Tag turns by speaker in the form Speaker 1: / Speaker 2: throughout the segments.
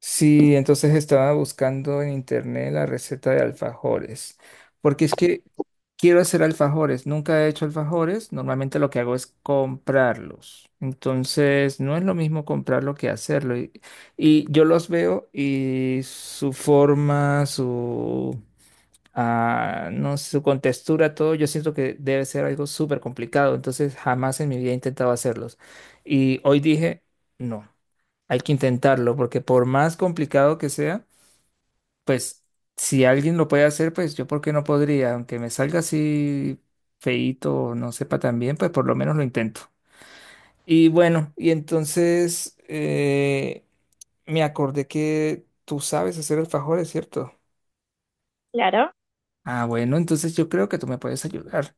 Speaker 1: Sí, entonces estaba buscando en internet la receta de alfajores, porque es que quiero hacer alfajores, nunca he hecho alfajores, normalmente lo que hago es comprarlos, entonces no es lo mismo comprarlo que hacerlo, y yo los veo y su forma, no sé, su contextura, todo, yo siento que debe ser algo súper complicado, entonces jamás en mi vida he intentado hacerlos, y hoy dije, no hay que intentarlo, porque por más complicado que sea, pues si alguien lo puede hacer, pues yo por qué no podría, aunque me salga así feíto o no sepa tan bien, pues por lo menos lo intento. Y bueno, y entonces me acordé que tú sabes hacer alfajores, ¿cierto?
Speaker 2: Claro,
Speaker 1: Ah, bueno, entonces yo creo que tú me puedes ayudar.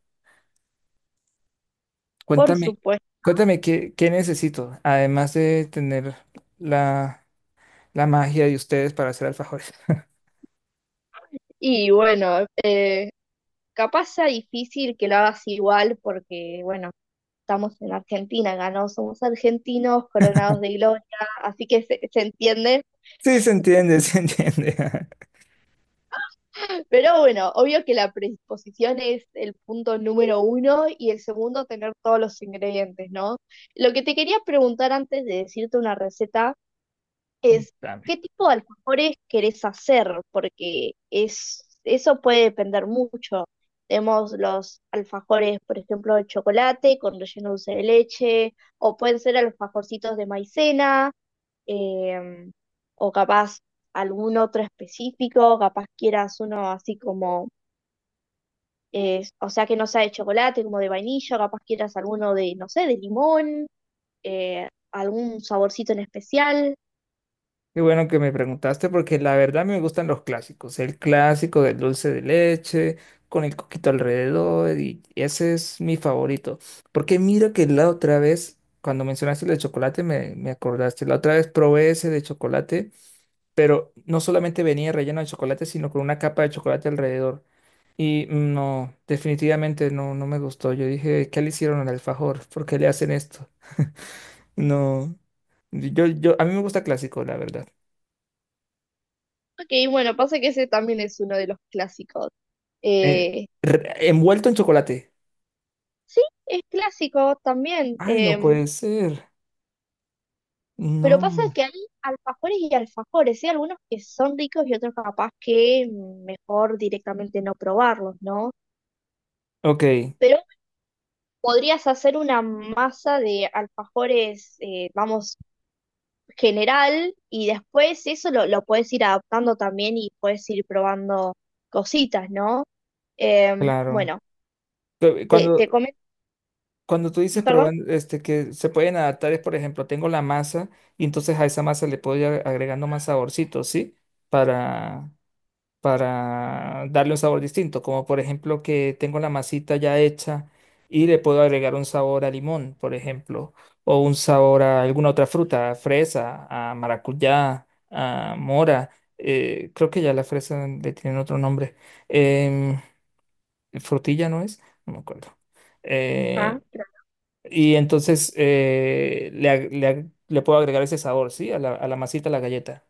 Speaker 2: por
Speaker 1: Cuéntame,
Speaker 2: supuesto.
Speaker 1: cuéntame, qué necesito, además de tener la, la magia de ustedes para hacer alfajores.
Speaker 2: Y bueno, capaz sea difícil que lo hagas igual porque, bueno, estamos en Argentina, ganó, somos argentinos, coronados de gloria, así que se entiende.
Speaker 1: Sí, se entiende, se entiende.
Speaker 2: Pero bueno, obvio que la predisposición es el punto número uno y el segundo, tener todos los ingredientes, ¿no? Lo que te quería preguntar antes de decirte una receta es
Speaker 1: Contame.
Speaker 2: qué tipo de alfajores querés hacer, porque es, eso puede depender mucho. Tenemos los alfajores, por ejemplo, de chocolate con relleno dulce de leche, o pueden ser alfajorcitos de maicena, em, o capaz algún otro específico, capaz quieras uno así como, o sea, que no sea de chocolate, como de vainilla, capaz quieras alguno de, no sé, de limón, algún saborcito en especial.
Speaker 1: Qué bueno que me preguntaste porque la verdad me gustan los clásicos. El clásico del dulce de leche con el coquito alrededor y ese es mi favorito. Porque mira que la otra vez, cuando mencionaste el de chocolate, me acordaste. La otra vez probé ese de chocolate, pero no solamente venía relleno de chocolate, sino con una capa de chocolate alrededor. Y no, definitivamente no me gustó. Yo dije, ¿qué le hicieron al alfajor? ¿Por qué le hacen esto? No. A mí me gusta clásico, la verdad.
Speaker 2: Ok, bueno, pasa que ese también es uno de los clásicos.
Speaker 1: Eh,
Speaker 2: Eh,
Speaker 1: Envuelto en chocolate.
Speaker 2: sí, es clásico también,
Speaker 1: Ay, no puede ser.
Speaker 2: pero pasa
Speaker 1: No.
Speaker 2: que hay alfajores y alfajores, ¿sí? Algunos que son ricos y otros capaz que mejor directamente no probarlos, ¿no?
Speaker 1: Ok,
Speaker 2: Pero podrías hacer una masa de alfajores, vamos, general, y después eso lo puedes ir adaptando también y puedes ir probando cositas, ¿no?
Speaker 1: claro.
Speaker 2: Bueno,
Speaker 1: Cu-
Speaker 2: te,
Speaker 1: Cuando,
Speaker 2: te comento,
Speaker 1: cuando tú dices
Speaker 2: y perdón.
Speaker 1: probando, que se pueden adaptar, es por ejemplo, tengo la masa y entonces a esa masa le puedo ir agregando más saborcito, ¿sí? Para, para darle un sabor distinto, como por ejemplo que tengo la masita ya hecha y le puedo agregar un sabor a limón, por ejemplo, o un sabor a alguna otra fruta, a fresa, a maracuyá, a mora, creo que ya la fresa le tienen otro nombre, em, frutilla no es, no me acuerdo.
Speaker 2: Ah,
Speaker 1: Eh, y entonces le puedo agregar ese sabor, ¿sí? A la masita, a la galleta.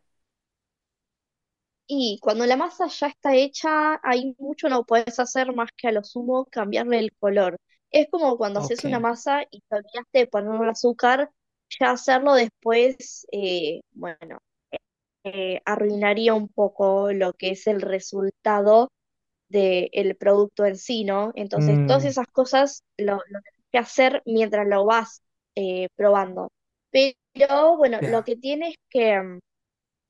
Speaker 2: y cuando la masa ya está hecha, hay mucho no puedes hacer más que a lo sumo cambiarle el color. Es como cuando haces una
Speaker 1: Ok.
Speaker 2: masa y te olvidaste de ponerle azúcar, ya hacerlo después, bueno, arruinaría un poco lo que es el resultado del producto en sí, ¿no? Entonces, todas
Speaker 1: Mm,
Speaker 2: esas cosas lo tenés que hacer mientras lo vas probando. Pero bueno, lo
Speaker 1: ya.
Speaker 2: que tiene es que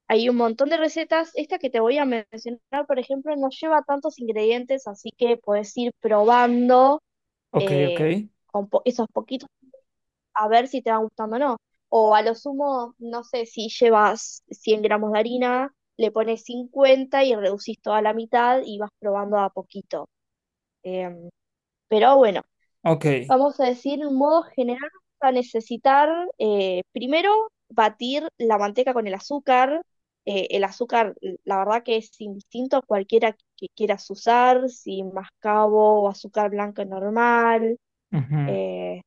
Speaker 2: hay un montón de recetas. Esta que te voy a mencionar, por ejemplo, no lleva tantos ingredientes, así que puedes ir probando
Speaker 1: Ok, ok.
Speaker 2: eh, con esos poquitos a ver si te va gustando o no. O a lo sumo, no sé, si llevas 100 gramos de harina, le pones 50 y reducís toda la mitad y vas probando a poquito. Em, pero bueno.
Speaker 1: Ok.
Speaker 2: Vamos a decir, en modo general, vamos a necesitar primero batir la manteca con el azúcar. El azúcar, la verdad que es indistinto a cualquiera que quieras usar, si mascabo o azúcar blanco normal.
Speaker 1: Ujú.
Speaker 2: eh,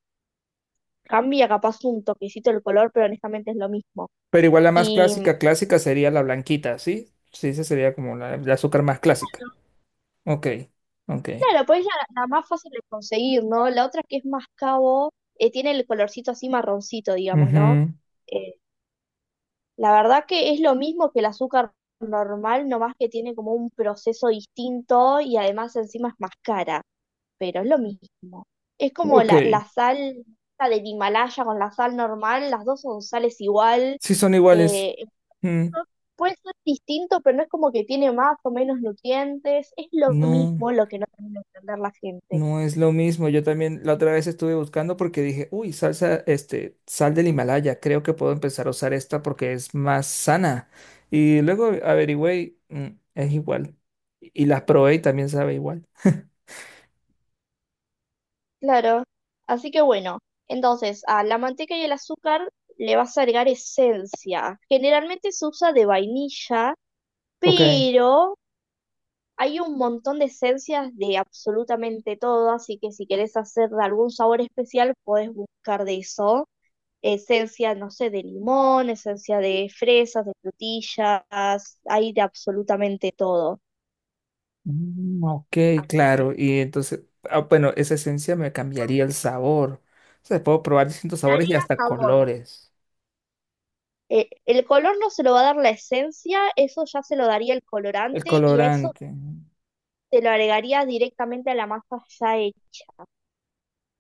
Speaker 2: cambia capaz un toquecito el color, pero honestamente es lo mismo.
Speaker 1: Pero igual la más
Speaker 2: Y
Speaker 1: clásica, clásica sería la blanquita, ¿sí? Sí, esa sería como la, el azúcar más clásica. Ok, ok.
Speaker 2: claro, pues es la, la más fácil de conseguir, ¿no? La otra que es mascabo tiene el colorcito así marroncito, digamos, ¿no?
Speaker 1: Ujú.
Speaker 2: Eh, la verdad que es lo mismo que el azúcar normal, nomás que tiene como un proceso distinto y además encima es más cara, pero es lo mismo. Es como
Speaker 1: Ok,
Speaker 2: la sal esta del Himalaya con la sal normal, las dos son sales igual.
Speaker 1: sí son iguales.
Speaker 2: eh,
Speaker 1: Mm,
Speaker 2: no- puede ser distinto, pero no es como que tiene más o menos nutrientes, es lo
Speaker 1: No,
Speaker 2: mismo lo que no termina de entender la gente.
Speaker 1: no es lo mismo. Yo también la otra vez estuve buscando porque dije, uy, sal del Himalaya, creo que puedo empezar a usar esta porque es más sana. Y luego averigüé, y, es igual. Y las probé y también sabe igual.
Speaker 2: Claro. Así que bueno, entonces a la manteca y el azúcar le vas a agregar esencia. Generalmente se usa de vainilla,
Speaker 1: Ok.
Speaker 2: pero hay un montón de esencias de absolutamente todo, así que si querés hacer de algún sabor especial, podés buscar de eso. Esencia, no sé, de limón, esencia de fresas, de frutillas, hay de absolutamente todo.
Speaker 1: Mm, ok,
Speaker 2: Así que
Speaker 1: claro. Y entonces, bueno, esa esencia me cambiaría el sabor. O sea, puedo probar distintos
Speaker 2: le
Speaker 1: sabores y
Speaker 2: agrega
Speaker 1: hasta
Speaker 2: sabor.
Speaker 1: colores.
Speaker 2: El color no se lo va a dar la esencia, eso ya se lo daría el
Speaker 1: El
Speaker 2: colorante y a eso
Speaker 1: colorante.
Speaker 2: se lo agregaría directamente a la masa ya hecha.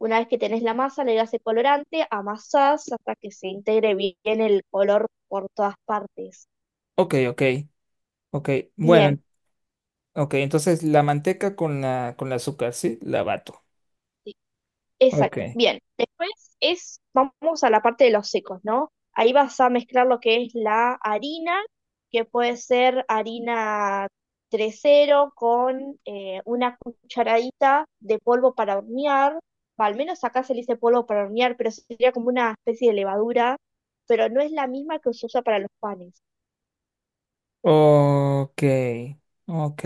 Speaker 2: Una vez que tenés la masa, le das el colorante, amasás hasta que se integre bien el color por todas partes.
Speaker 1: Ok, ok, ok.
Speaker 2: Bien,
Speaker 1: Bueno, ok, entonces la manteca con la, con el azúcar, ¿sí? La bato.
Speaker 2: exacto.
Speaker 1: Ok.
Speaker 2: Bien. Después es, vamos a la parte de los secos, ¿no? Ahí vas a mezclar lo que es la harina, que puede ser harina tres cero con una cucharadita de polvo para hornear. Va, al menos acá se le dice polvo para hornear, pero sería como una especie de levadura, pero no es la misma que se usa para los panes.
Speaker 1: Ok, ok.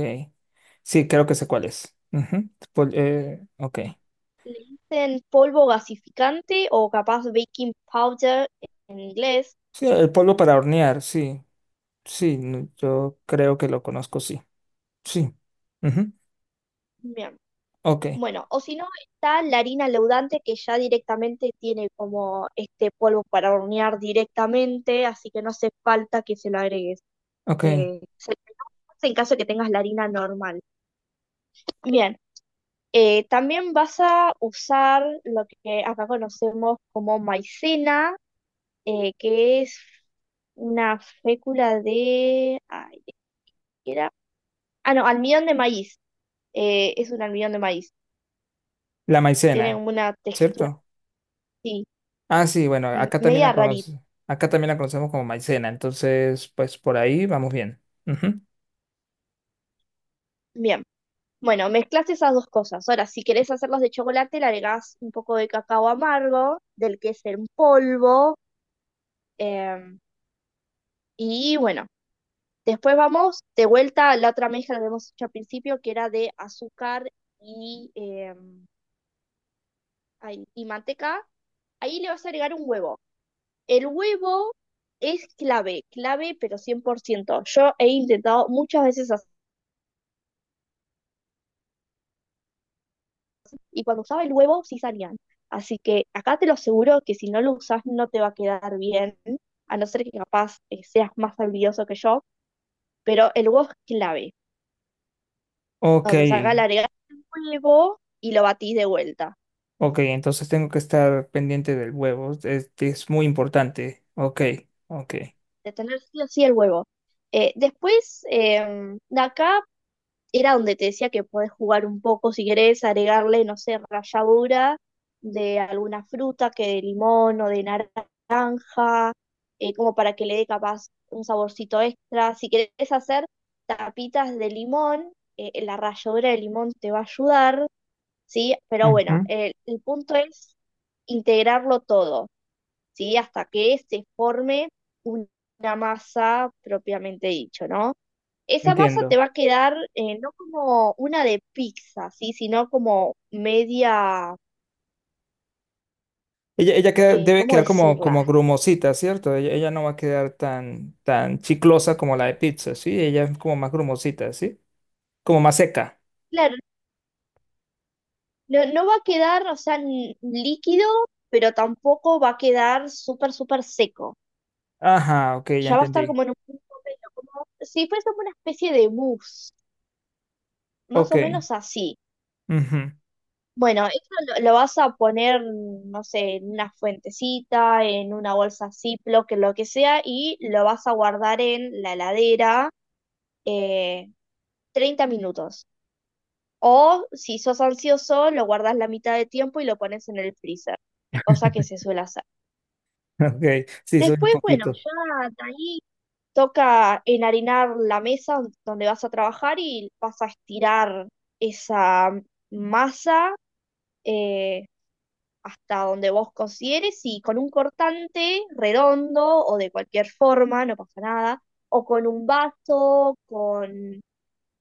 Speaker 1: Sí, creo que sé cuál es. Ujú. Ok.
Speaker 2: Le dicen polvo gasificante o capaz baking powder en inglés.
Speaker 1: Sí, el polvo para hornear, sí. Sí, no, yo creo que lo conozco, sí. Sí. Ujú.
Speaker 2: Bien.
Speaker 1: Ok.
Speaker 2: Bueno, o si no, está la harina leudante que ya directamente tiene como este polvo para hornear directamente, así que no hace falta que se lo agregues.
Speaker 1: Ok,
Speaker 2: Se en caso de que tengas la harina normal. Bien, también vas a usar lo que acá conocemos como maicena, que es una fécula de... Ay, ¿qué era? Ah, no, almidón de maíz. Es un almidón de maíz.
Speaker 1: la
Speaker 2: Tiene
Speaker 1: maicena,
Speaker 2: una textura
Speaker 1: ¿cierto?
Speaker 2: así,
Speaker 1: Ah, sí, bueno,
Speaker 2: media rarita.
Speaker 1: acá también la conocemos como maicena, entonces, pues por ahí vamos bien. Ujú.
Speaker 2: Bien, bueno, mezclaste esas dos cosas. Ahora, si querés hacerlos de chocolate, le agregás un poco de cacao amargo, del que es en polvo. em, y bueno, después vamos de vuelta a la otra mezcla que habíamos hecho al principio, que era de azúcar y, ay, y manteca. Ahí le vas a agregar un huevo. El huevo es clave, clave, pero 100%. Yo he intentado muchas veces y cuando usaba el huevo sí salían. Así que acá te lo aseguro que si no lo usas no te va a quedar bien, a no ser que capaz seas más habilidoso que yo, pero el huevo es clave.
Speaker 1: Ok,
Speaker 2: Entonces acá le agregás el huevo y lo batís de vuelta.
Speaker 1: ok, entonces tengo que estar pendiente del huevo, es muy importante. Ok, ok.
Speaker 2: De tener sí o sí el huevo. Después, de acá era donde te decía que podés jugar un poco si querés agregarle, no sé, ralladura de alguna fruta, que de limón o de naranja, como para que le dé capaz un saborcito extra. Si querés hacer tapitas de limón, la ralladura de limón te va a ayudar, ¿sí? Pero bueno,
Speaker 1: Ujú.
Speaker 2: el punto es integrarlo todo, ¿sí? Hasta que se forme un- una masa propiamente dicho, ¿no? Esa masa te
Speaker 1: Entiendo.
Speaker 2: va a quedar no como una de pizza, ¿sí? Sino como media,
Speaker 1: Ella debe
Speaker 2: ¿cómo
Speaker 1: quedar como
Speaker 2: decirla?
Speaker 1: grumosita, ¿cierto? Ella no va a quedar tan, tan chiclosa como la de pizza, ¿sí? Ella es como más grumosita, ¿sí? Como más seca.
Speaker 2: Claro, no va a quedar, o sea, líquido, pero tampoco va a quedar súper, súper seco.
Speaker 1: Ajá, ok, ya
Speaker 2: Ya va a estar
Speaker 1: entendí.
Speaker 2: como en un punto medio, como si fuese como una especie de mousse, más
Speaker 1: Ok.
Speaker 2: o menos así.
Speaker 1: Ujú.
Speaker 2: Bueno, eso lo vas a poner, no sé, en una fuentecita, en una bolsa Ziploc, en lo que sea, y lo vas a guardar en la heladera eh, 30 minutos. O si sos ansioso, lo guardas la mitad de tiempo y lo pones en el freezer, cosa que se suele hacer.
Speaker 1: Ok, sí, soy un
Speaker 2: Después, bueno,
Speaker 1: poquito.
Speaker 2: ya de ahí toca enharinar la mesa donde vas a trabajar y vas a estirar esa masa eh, hasta donde vos consideres y con un cortante redondo o de cualquier forma, no pasa nada, o con un vaso, con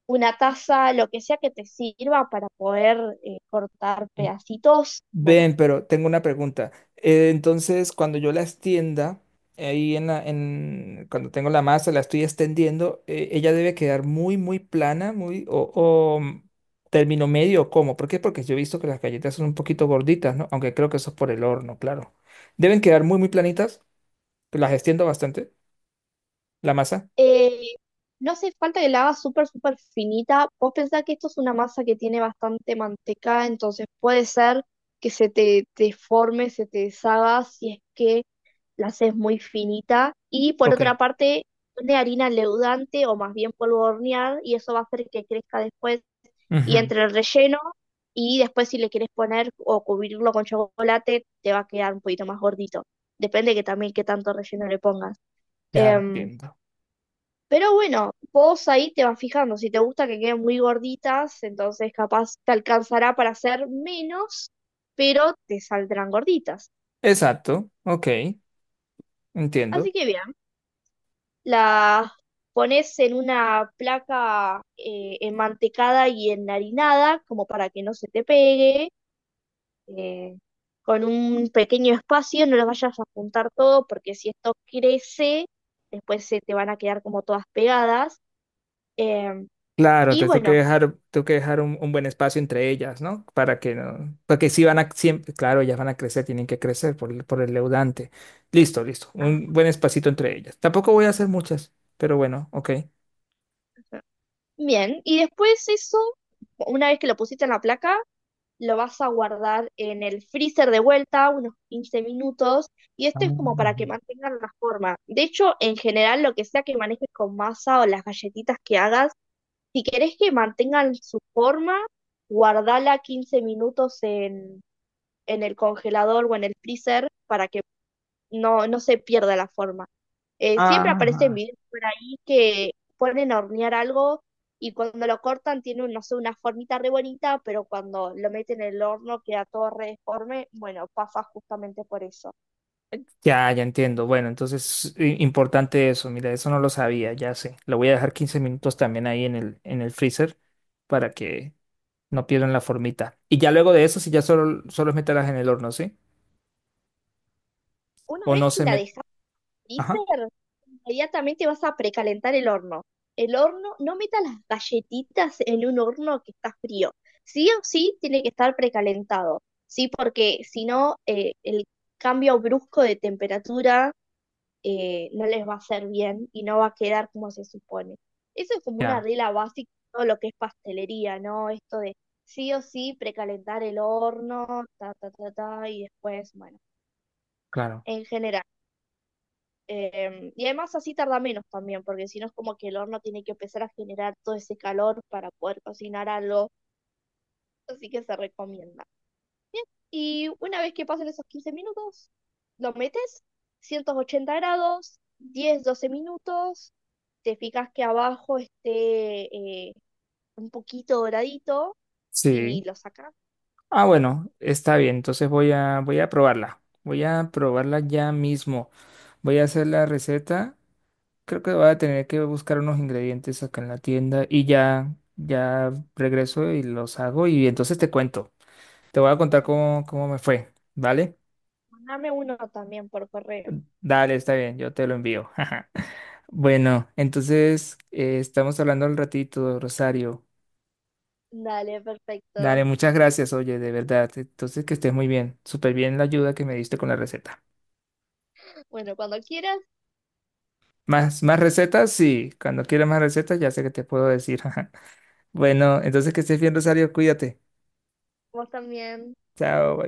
Speaker 2: una taza, lo que sea que te sirva para poder cortar pedacitos. Bueno,
Speaker 1: Ven, pero tengo una pregunta. Entonces, cuando yo la extienda, ahí cuando tengo la masa, la estoy extendiendo, ella debe quedar muy, muy plana, muy, o mm, término medio, o ¿cómo? ¿Por qué? Porque yo he visto que las galletas son un poquito gorditas, ¿no? Aunque creo que eso es por el horno, claro. Deben quedar muy, muy planitas, que las extiendo bastante, la masa.
Speaker 2: eh, no hace falta que la hagas súper, súper finita. Vos pensás que esto es una masa que tiene bastante manteca, entonces puede ser que se te deforme, se te deshaga si es que la haces muy finita. Y por
Speaker 1: Ok.
Speaker 2: otra parte, de harina leudante o más bien polvo de hornear, y eso va a hacer que crezca después y
Speaker 1: Ujú.
Speaker 2: entre el relleno y después si le quieres poner o cubrirlo con chocolate, te va a quedar un poquito más gordito. Depende que también qué tanto relleno le pongas.
Speaker 1: Ya
Speaker 2: Em,
Speaker 1: entiendo.
Speaker 2: pero bueno, vos ahí te vas fijando. Si te gusta que queden muy gorditas, entonces capaz te alcanzará para hacer menos, pero te saldrán gorditas.
Speaker 1: Exacto, ok,
Speaker 2: Así
Speaker 1: entiendo.
Speaker 2: que bien, las pones en una placa enmantecada y enharinada, como para que no se te pegue eh, con un pequeño espacio, no los vayas a juntar todo, porque si esto crece, después se te van a quedar como todas pegadas. em,
Speaker 1: Claro,
Speaker 2: y
Speaker 1: entonces tengo que
Speaker 2: bueno,
Speaker 1: dejar, tengo que dejar un buen espacio entre ellas, ¿no? Para que no, porque si van a siempre, claro, ellas van a crecer, tienen que crecer por el leudante. Listo, listo. Un
Speaker 2: ajá,
Speaker 1: buen espacito entre ellas. Tampoco voy a hacer muchas, pero bueno, ok.
Speaker 2: bien, y después eso, una vez que lo pusiste en la placa, lo vas a guardar en el freezer de vuelta, unos 15 minutos, y esto es como para que mantengan la forma. De hecho, en general, lo que sea que manejes con masa o las galletitas que hagas, si querés que mantengan su forma, guardala 15 minutos en el congelador o en el freezer para que no se pierda la forma. Siempre aparecen
Speaker 1: Ajá.
Speaker 2: videos por ahí que ponen a hornear algo y cuando lo cortan tiene, no sé, una formita re bonita, pero cuando lo meten en el horno queda todo re deforme. Bueno, pasa justamente por eso.
Speaker 1: Ya, ya entiendo. Bueno, entonces importante eso. Mira, eso no lo sabía, ya sé. Lo voy a dejar 15 minutos también ahí en el freezer para que no pierdan la formita. Y ya luego de eso, si ya solo es meterlas en el horno, ¿sí?
Speaker 2: Una
Speaker 1: O
Speaker 2: vez
Speaker 1: no
Speaker 2: que
Speaker 1: se
Speaker 2: la
Speaker 1: met...
Speaker 2: dejas dice, inmediatamente vas a precalentar el horno. El horno, no metas las galletitas en un horno que está frío. Sí o sí tiene que estar precalentado. Sí, porque si no, el cambio brusco de temperatura no les va a hacer bien y no va a quedar como se supone. Eso es como una
Speaker 1: Ya,
Speaker 2: regla básica de todo lo que es pastelería, ¿no? Esto de sí o sí precalentar el horno, ta, ta, ta, ta, y después, bueno,
Speaker 1: claro.
Speaker 2: en general. Y además así tarda menos también, porque si no es como que el horno tiene que empezar a generar todo ese calor para poder cocinar algo, así que se recomienda. Y una vez que pasen esos 15 minutos, lo metes 180 grados, 10 a 12 minutos, te fijas que abajo esté un poquito doradito
Speaker 1: Sí.
Speaker 2: y lo sacas.
Speaker 1: Ah, bueno, está bien. Entonces voy a, probarla. Voy a probarla ya mismo. Voy a hacer la receta. Creo que voy a tener que buscar unos ingredientes acá en la tienda y ya, ya regreso y los hago y entonces te cuento. Te voy a contar cómo me fue, ¿vale?
Speaker 2: Dame uno también por correo.
Speaker 1: Dale, está bien, yo te lo envío. Bueno, entonces estamos hablando al ratito, Rosario.
Speaker 2: Dale, perfecto.
Speaker 1: Dale, muchas gracias, oye, de verdad. Entonces, que estés muy bien. Súper bien la ayuda que me diste con la receta.
Speaker 2: Bueno, cuando quieras,
Speaker 1: Más, más recetas, sí. Cuando quieras más recetas, ya sé que te puedo decir. Bueno, entonces que estés bien, Rosario, cuídate.
Speaker 2: vos también.
Speaker 1: Chao.